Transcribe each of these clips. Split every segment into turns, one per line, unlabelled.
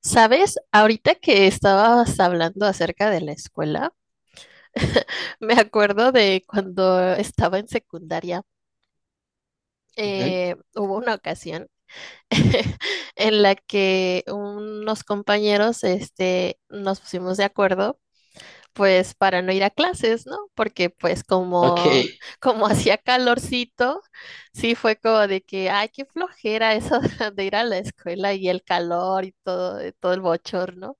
¿Sabes? Ahorita que estabas hablando acerca de la escuela, me acuerdo de cuando estaba en secundaria,
Ujú.
hubo una ocasión en la que unos compañeros, nos pusimos de acuerdo, pues, para no ir a clases, ¿no? Porque, pues,
Ok,
como hacía calorcito, sí fue como de que, ay, qué flojera eso de ir a la escuela y el calor y todo el bochorno.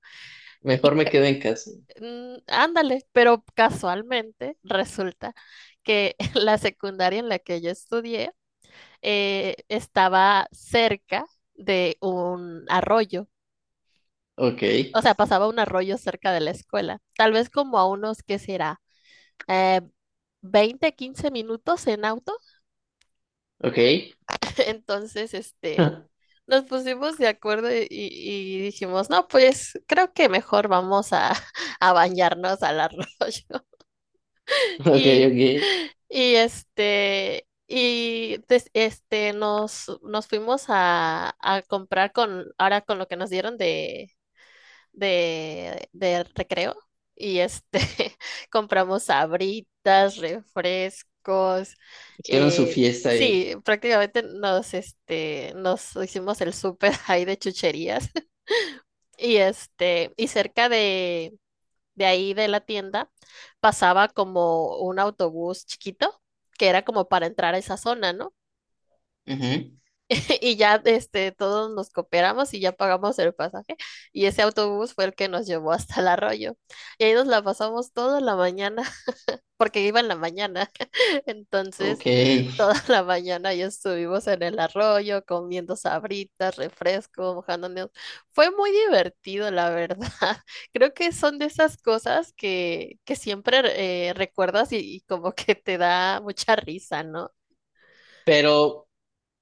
mejor
Y
me quedo en casa.
Ándale, pero casualmente resulta que la secundaria en la que yo estudié estaba cerca de un arroyo,
Ok,
o sea, pasaba un arroyo cerca de la escuela, tal vez como a unos, ¿qué será? Eh, 20, 15 minutos en auto.
ok,
Entonces,
ok,
nos pusimos de acuerdo y dijimos, no, pues creo que mejor a bañarnos al arroyo.
ok.
Y, nos fuimos a comprar ahora con lo que nos dieron de recreo. Y este, compramos sabritas, refrescos.
Hicieron su fiesta ahí.
Sí, prácticamente nos hicimos el súper ahí de chucherías. Y cerca de ahí de la tienda pasaba como un autobús chiquito que era como para entrar a esa zona, ¿no?
Ujú.
Todos nos cooperamos y ya pagamos el pasaje. Y ese autobús fue el que nos llevó hasta el arroyo. Y ahí nos la pasamos toda la mañana, porque iba en la mañana.
Ok,
Entonces, toda la mañana ya estuvimos en el arroyo comiendo sabritas, refresco, mojándonos. Fue muy divertido, la verdad. Creo que son de esas cosas que siempre recuerdas y como que te da mucha risa, ¿no?
pero,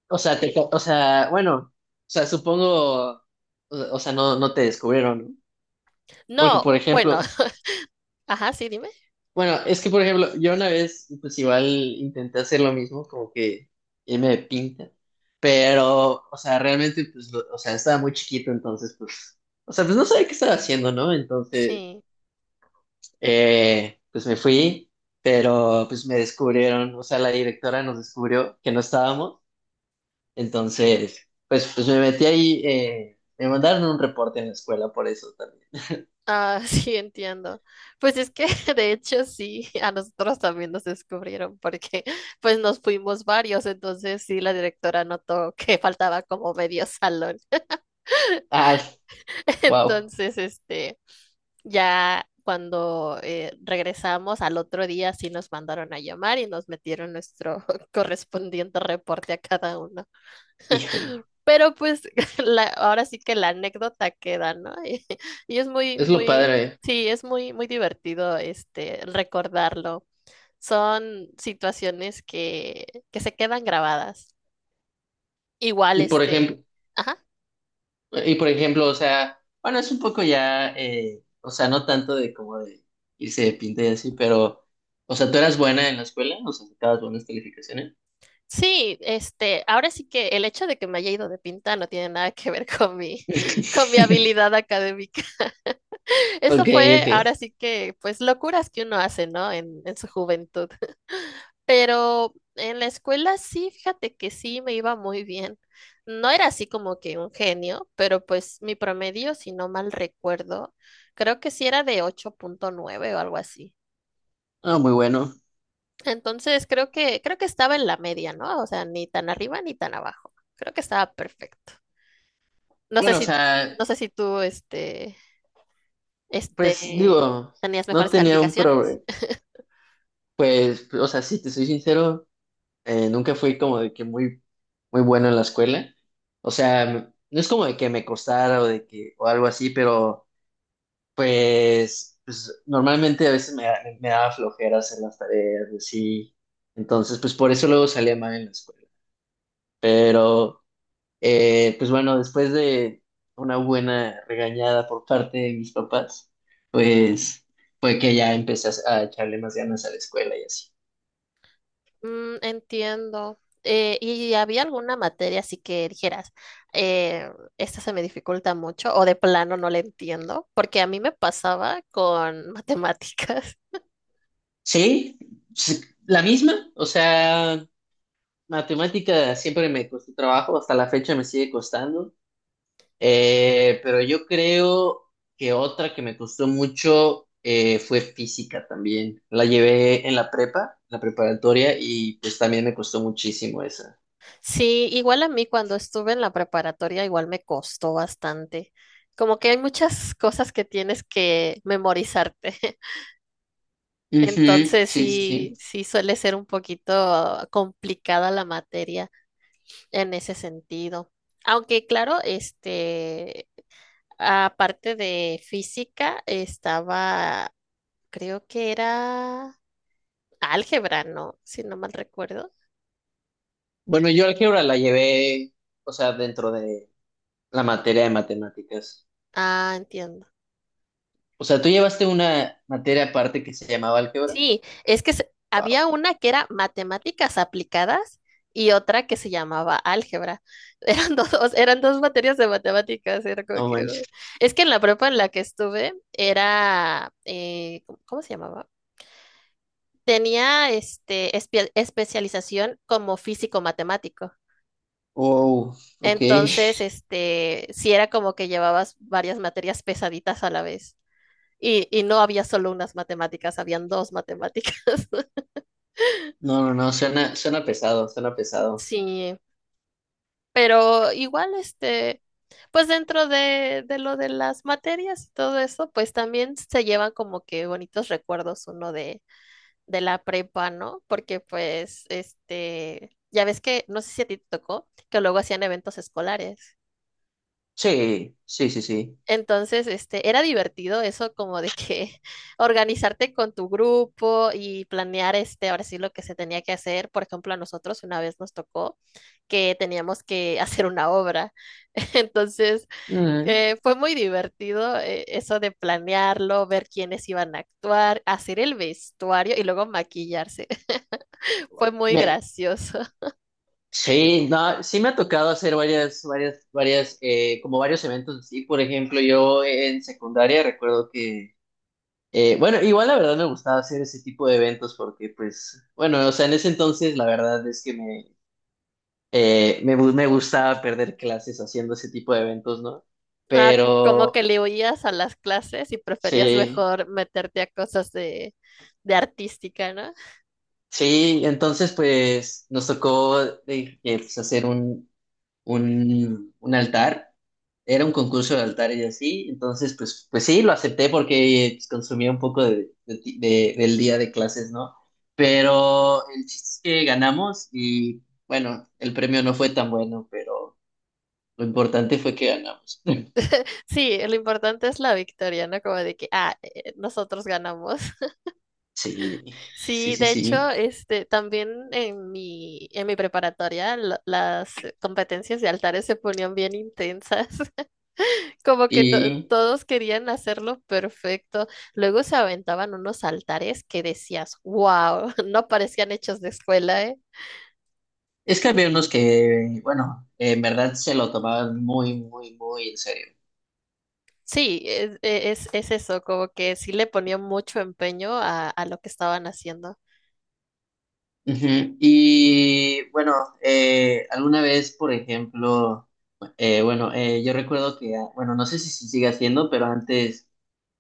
o sea, o sea, bueno, o sea, supongo, o sea, no, no te descubrieron, ¿no? Porque,
No,
por
bueno,
ejemplo,
ajá, sí, dime.
bueno, es que, por ejemplo, yo una vez, pues igual intenté hacer lo mismo, como que irme de pinta, pero, o sea, realmente, pues, o sea, estaba muy chiquito, entonces, pues, o sea, pues no sabía qué estaba haciendo, ¿no? Entonces.
Sí.
Pues me fui, pero pues me descubrieron, o sea, la directora nos descubrió que no estábamos, entonces, pues, pues me metí ahí, me mandaron un reporte en la escuela por eso también.
Ah, sí, entiendo. Pues es que de hecho sí, a nosotros también nos descubrieron porque pues nos fuimos varios, entonces sí, la directora notó que faltaba como medio salón.
Ah, wow,
Entonces, ya cuando regresamos al otro día sí nos mandaron a llamar y nos metieron nuestro correspondiente reporte a cada uno.
híjole,
Pero pues ahora sí que la anécdota queda, ¿no? Es muy,
es lo
muy,
padre.
sí, es muy, muy divertido recordarlo. Son situaciones que se quedan grabadas. Igual,
Y por ejemplo,
ajá.
y por ejemplo, o sea, bueno, es un poco ya, o sea, no tanto de como de irse de pinta y así, pero, o sea, ¿tú eras buena en la escuela? O sea, ¿sacabas buenas calificaciones?
Sí, ahora sí que el hecho de que me haya ido de pinta no tiene nada que ver con con mi habilidad académica. Eso
Ok,
fue
ok.
ahora sí que, pues, locuras que uno hace, ¿no? En su juventud. Pero en la escuela sí, fíjate que sí me iba muy bien. No era así como que un genio, pero pues mi promedio, si no mal recuerdo, creo que sí era de ocho punto nueve o algo así.
Ah, muy bueno.
Entonces creo que estaba en la media, ¿no? O sea, ni tan arriba ni tan abajo. Creo que estaba perfecto. No sé
Bueno, o
si, no
sea,
sé si tú,
pues
este,
digo,
tenías
no
mejores
tenía un
calificaciones.
problema. Pues, o sea, si te soy sincero, nunca fui como de que muy, muy bueno en la escuela. O sea, no es como de que me costara o de que, o algo así, pero pues normalmente a veces me daba flojera hacer las tareas y así. Entonces, pues por eso luego salía mal en la escuela. Pero. Pues bueno, después de una buena regañada por parte de mis papás, pues fue que ya empecé a echarle más ganas a la escuela y así.
Mm, entiendo. ¿Y había alguna materia así que dijeras, eh, esta se me dificulta mucho o de plano no la entiendo? Porque a mí me pasaba con matemáticas.
Sí, sí, la misma, o sea, matemática siempre me costó trabajo, hasta la fecha me sigue costando. Pero yo creo que otra que me costó mucho fue física también. La llevé en la prepa, la preparatoria, y pues también me costó muchísimo esa.
Sí, igual a mí cuando estuve en la preparatoria igual me costó bastante. Como que hay muchas cosas que tienes que memorizarte.
Ujú. Sí,
Entonces
sí, sí.
sí suele ser un poquito complicada la materia en ese sentido. Aunque claro, aparte de física, creo que era álgebra, ¿no? Si no mal recuerdo.
Bueno, yo álgebra la llevé, o sea, dentro de la materia de matemáticas.
Ah, entiendo.
O sea, tú llevaste una materia aparte que se llamaba álgebra.
Sí, es que
Wow,
había una que era matemáticas aplicadas y otra que se llamaba álgebra. Eran dos materias de matemáticas, era como
no
que... uy.
manches.
Es que en la prepa en la que estuve era, cómo se llamaba? Tenía especialización como físico matemático.
Wow, ok.
Entonces, sí era como que llevabas varias materias pesaditas a la vez. Y no había solo unas matemáticas, habían dos matemáticas.
No, no, no, suena pesado, suena pesado.
Sí, pero igual, pues dentro de lo de las materias y todo eso, pues también se llevan como que bonitos recuerdos uno de la prepa, ¿no? Porque pues, ya ves que, no sé si a ti te tocó, que luego hacían eventos escolares.
Sí, sí, sí, sí.
Entonces, era divertido eso como de que organizarte con tu grupo y planear, ahora sí lo que se tenía que hacer. Por ejemplo, a nosotros una vez nos tocó que teníamos que hacer una obra. Entonces,
Mm,
fue muy divertido eso de planearlo, ver quiénes iban a actuar, hacer el vestuario y luego maquillarse. Fue muy
me-
gracioso.
sí, no, sí me ha tocado hacer como varios eventos así. Por ejemplo, yo en secundaria recuerdo que. Bueno, igual la verdad me gustaba hacer ese tipo de eventos porque, pues, bueno, o sea, en ese entonces la verdad es que me gustaba perder clases haciendo ese tipo de eventos, ¿no?
Ah, como que
Pero,
le huías a las clases y preferías
sí,
mejor meterte a cosas de artística, ¿no?
sí, entonces, pues, nos tocó pues, hacer un altar, era un concurso de altares y así, entonces pues sí, lo acepté porque pues, consumía un poco del día de clases, ¿no? Pero el chiste es que ganamos y bueno, el premio no fue tan bueno, pero lo importante fue que ganamos.
Sí, lo importante es la victoria, ¿no? Como de que, ah, nosotros ganamos.
Sí, sí,
Sí,
sí,
de hecho,
sí.
también en en mi preparatoria las competencias de altares se ponían bien intensas, como que
Y
todos querían hacerlo perfecto. Luego se aventaban unos altares que decías, wow, no parecían hechos de escuela, ¿eh?
es que había unos que, bueno, en verdad se lo tomaban muy, muy, muy en serio.
Sí, es eso, como que sí le ponían mucho empeño a lo que estaban haciendo.
Ujú. Y bueno, alguna vez, por ejemplo. Bueno, yo recuerdo que, ah, bueno, no sé si se sigue haciendo, pero antes,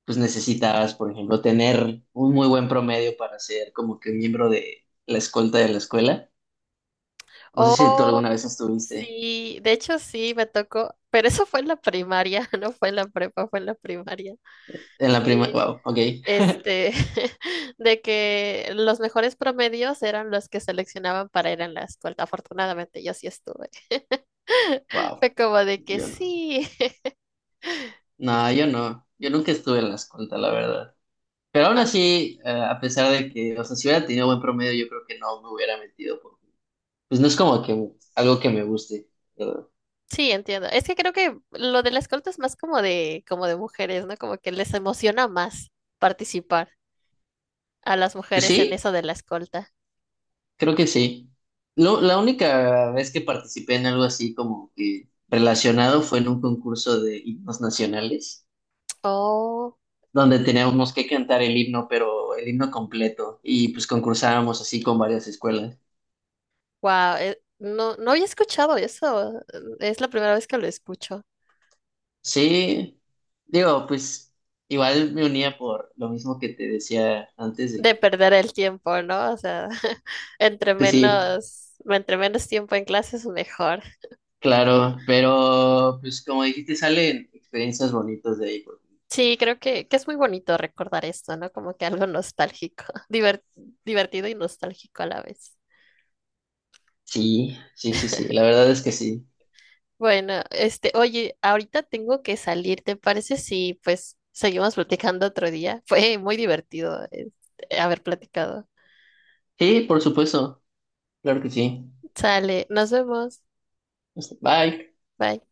pues necesitabas, por ejemplo, tener un muy buen promedio para ser como que miembro de la escolta de la escuela. No sé si tú
Oh,
alguna vez estuviste
sí, de hecho sí, me tocó, pero eso fue en la primaria, no fue en la prepa, fue en la primaria.
en la prima.
Sí,
Wow, ok,
este, de que los mejores promedios eran los que seleccionaban para ir en la escuela. Afortunadamente yo sí estuve.
wow,
Fue como de que
yo no.
sí.
No, yo no, yo nunca estuve en la escolta, la verdad. Pero aún
Ah,
así, a pesar de que, o sea, si hubiera tenido buen promedio, yo creo que no me hubiera metido, porque, pues no es como que algo que me guste, ¿verdad?
sí, entiendo. Es que creo que lo de la escolta es más como de mujeres, ¿no? Como que les emociona más participar a las
Pues
mujeres en
sí.
eso de la escolta.
Creo que sí. La única vez que participé en algo así como que relacionado fue en un concurso de himnos nacionales,
Oh.
donde teníamos que cantar el himno, pero el himno completo, y pues concursábamos así con varias escuelas.
Wow, no había escuchado eso. Es la primera vez que lo escucho.
Sí, digo, pues igual me unía por lo mismo que te decía antes de
De
que,
perder el tiempo, ¿no? O sea,
pues sí,
entre menos tiempo en clases, mejor.
claro, pero pues como dijiste, salen experiencias bonitas de ahí.
Sí, que es muy bonito recordar esto, ¿no? Como que algo nostálgico, diver- divertido y nostálgico a la vez.
Sí, sí, sí, sí, la verdad es que sí.
Bueno, oye, ahorita tengo que salir, ¿te parece si pues seguimos platicando otro día? Fue muy divertido, haber platicado.
Sí, por supuesto, claro que sí.
Sale, nos vemos.
Bye.
Bye.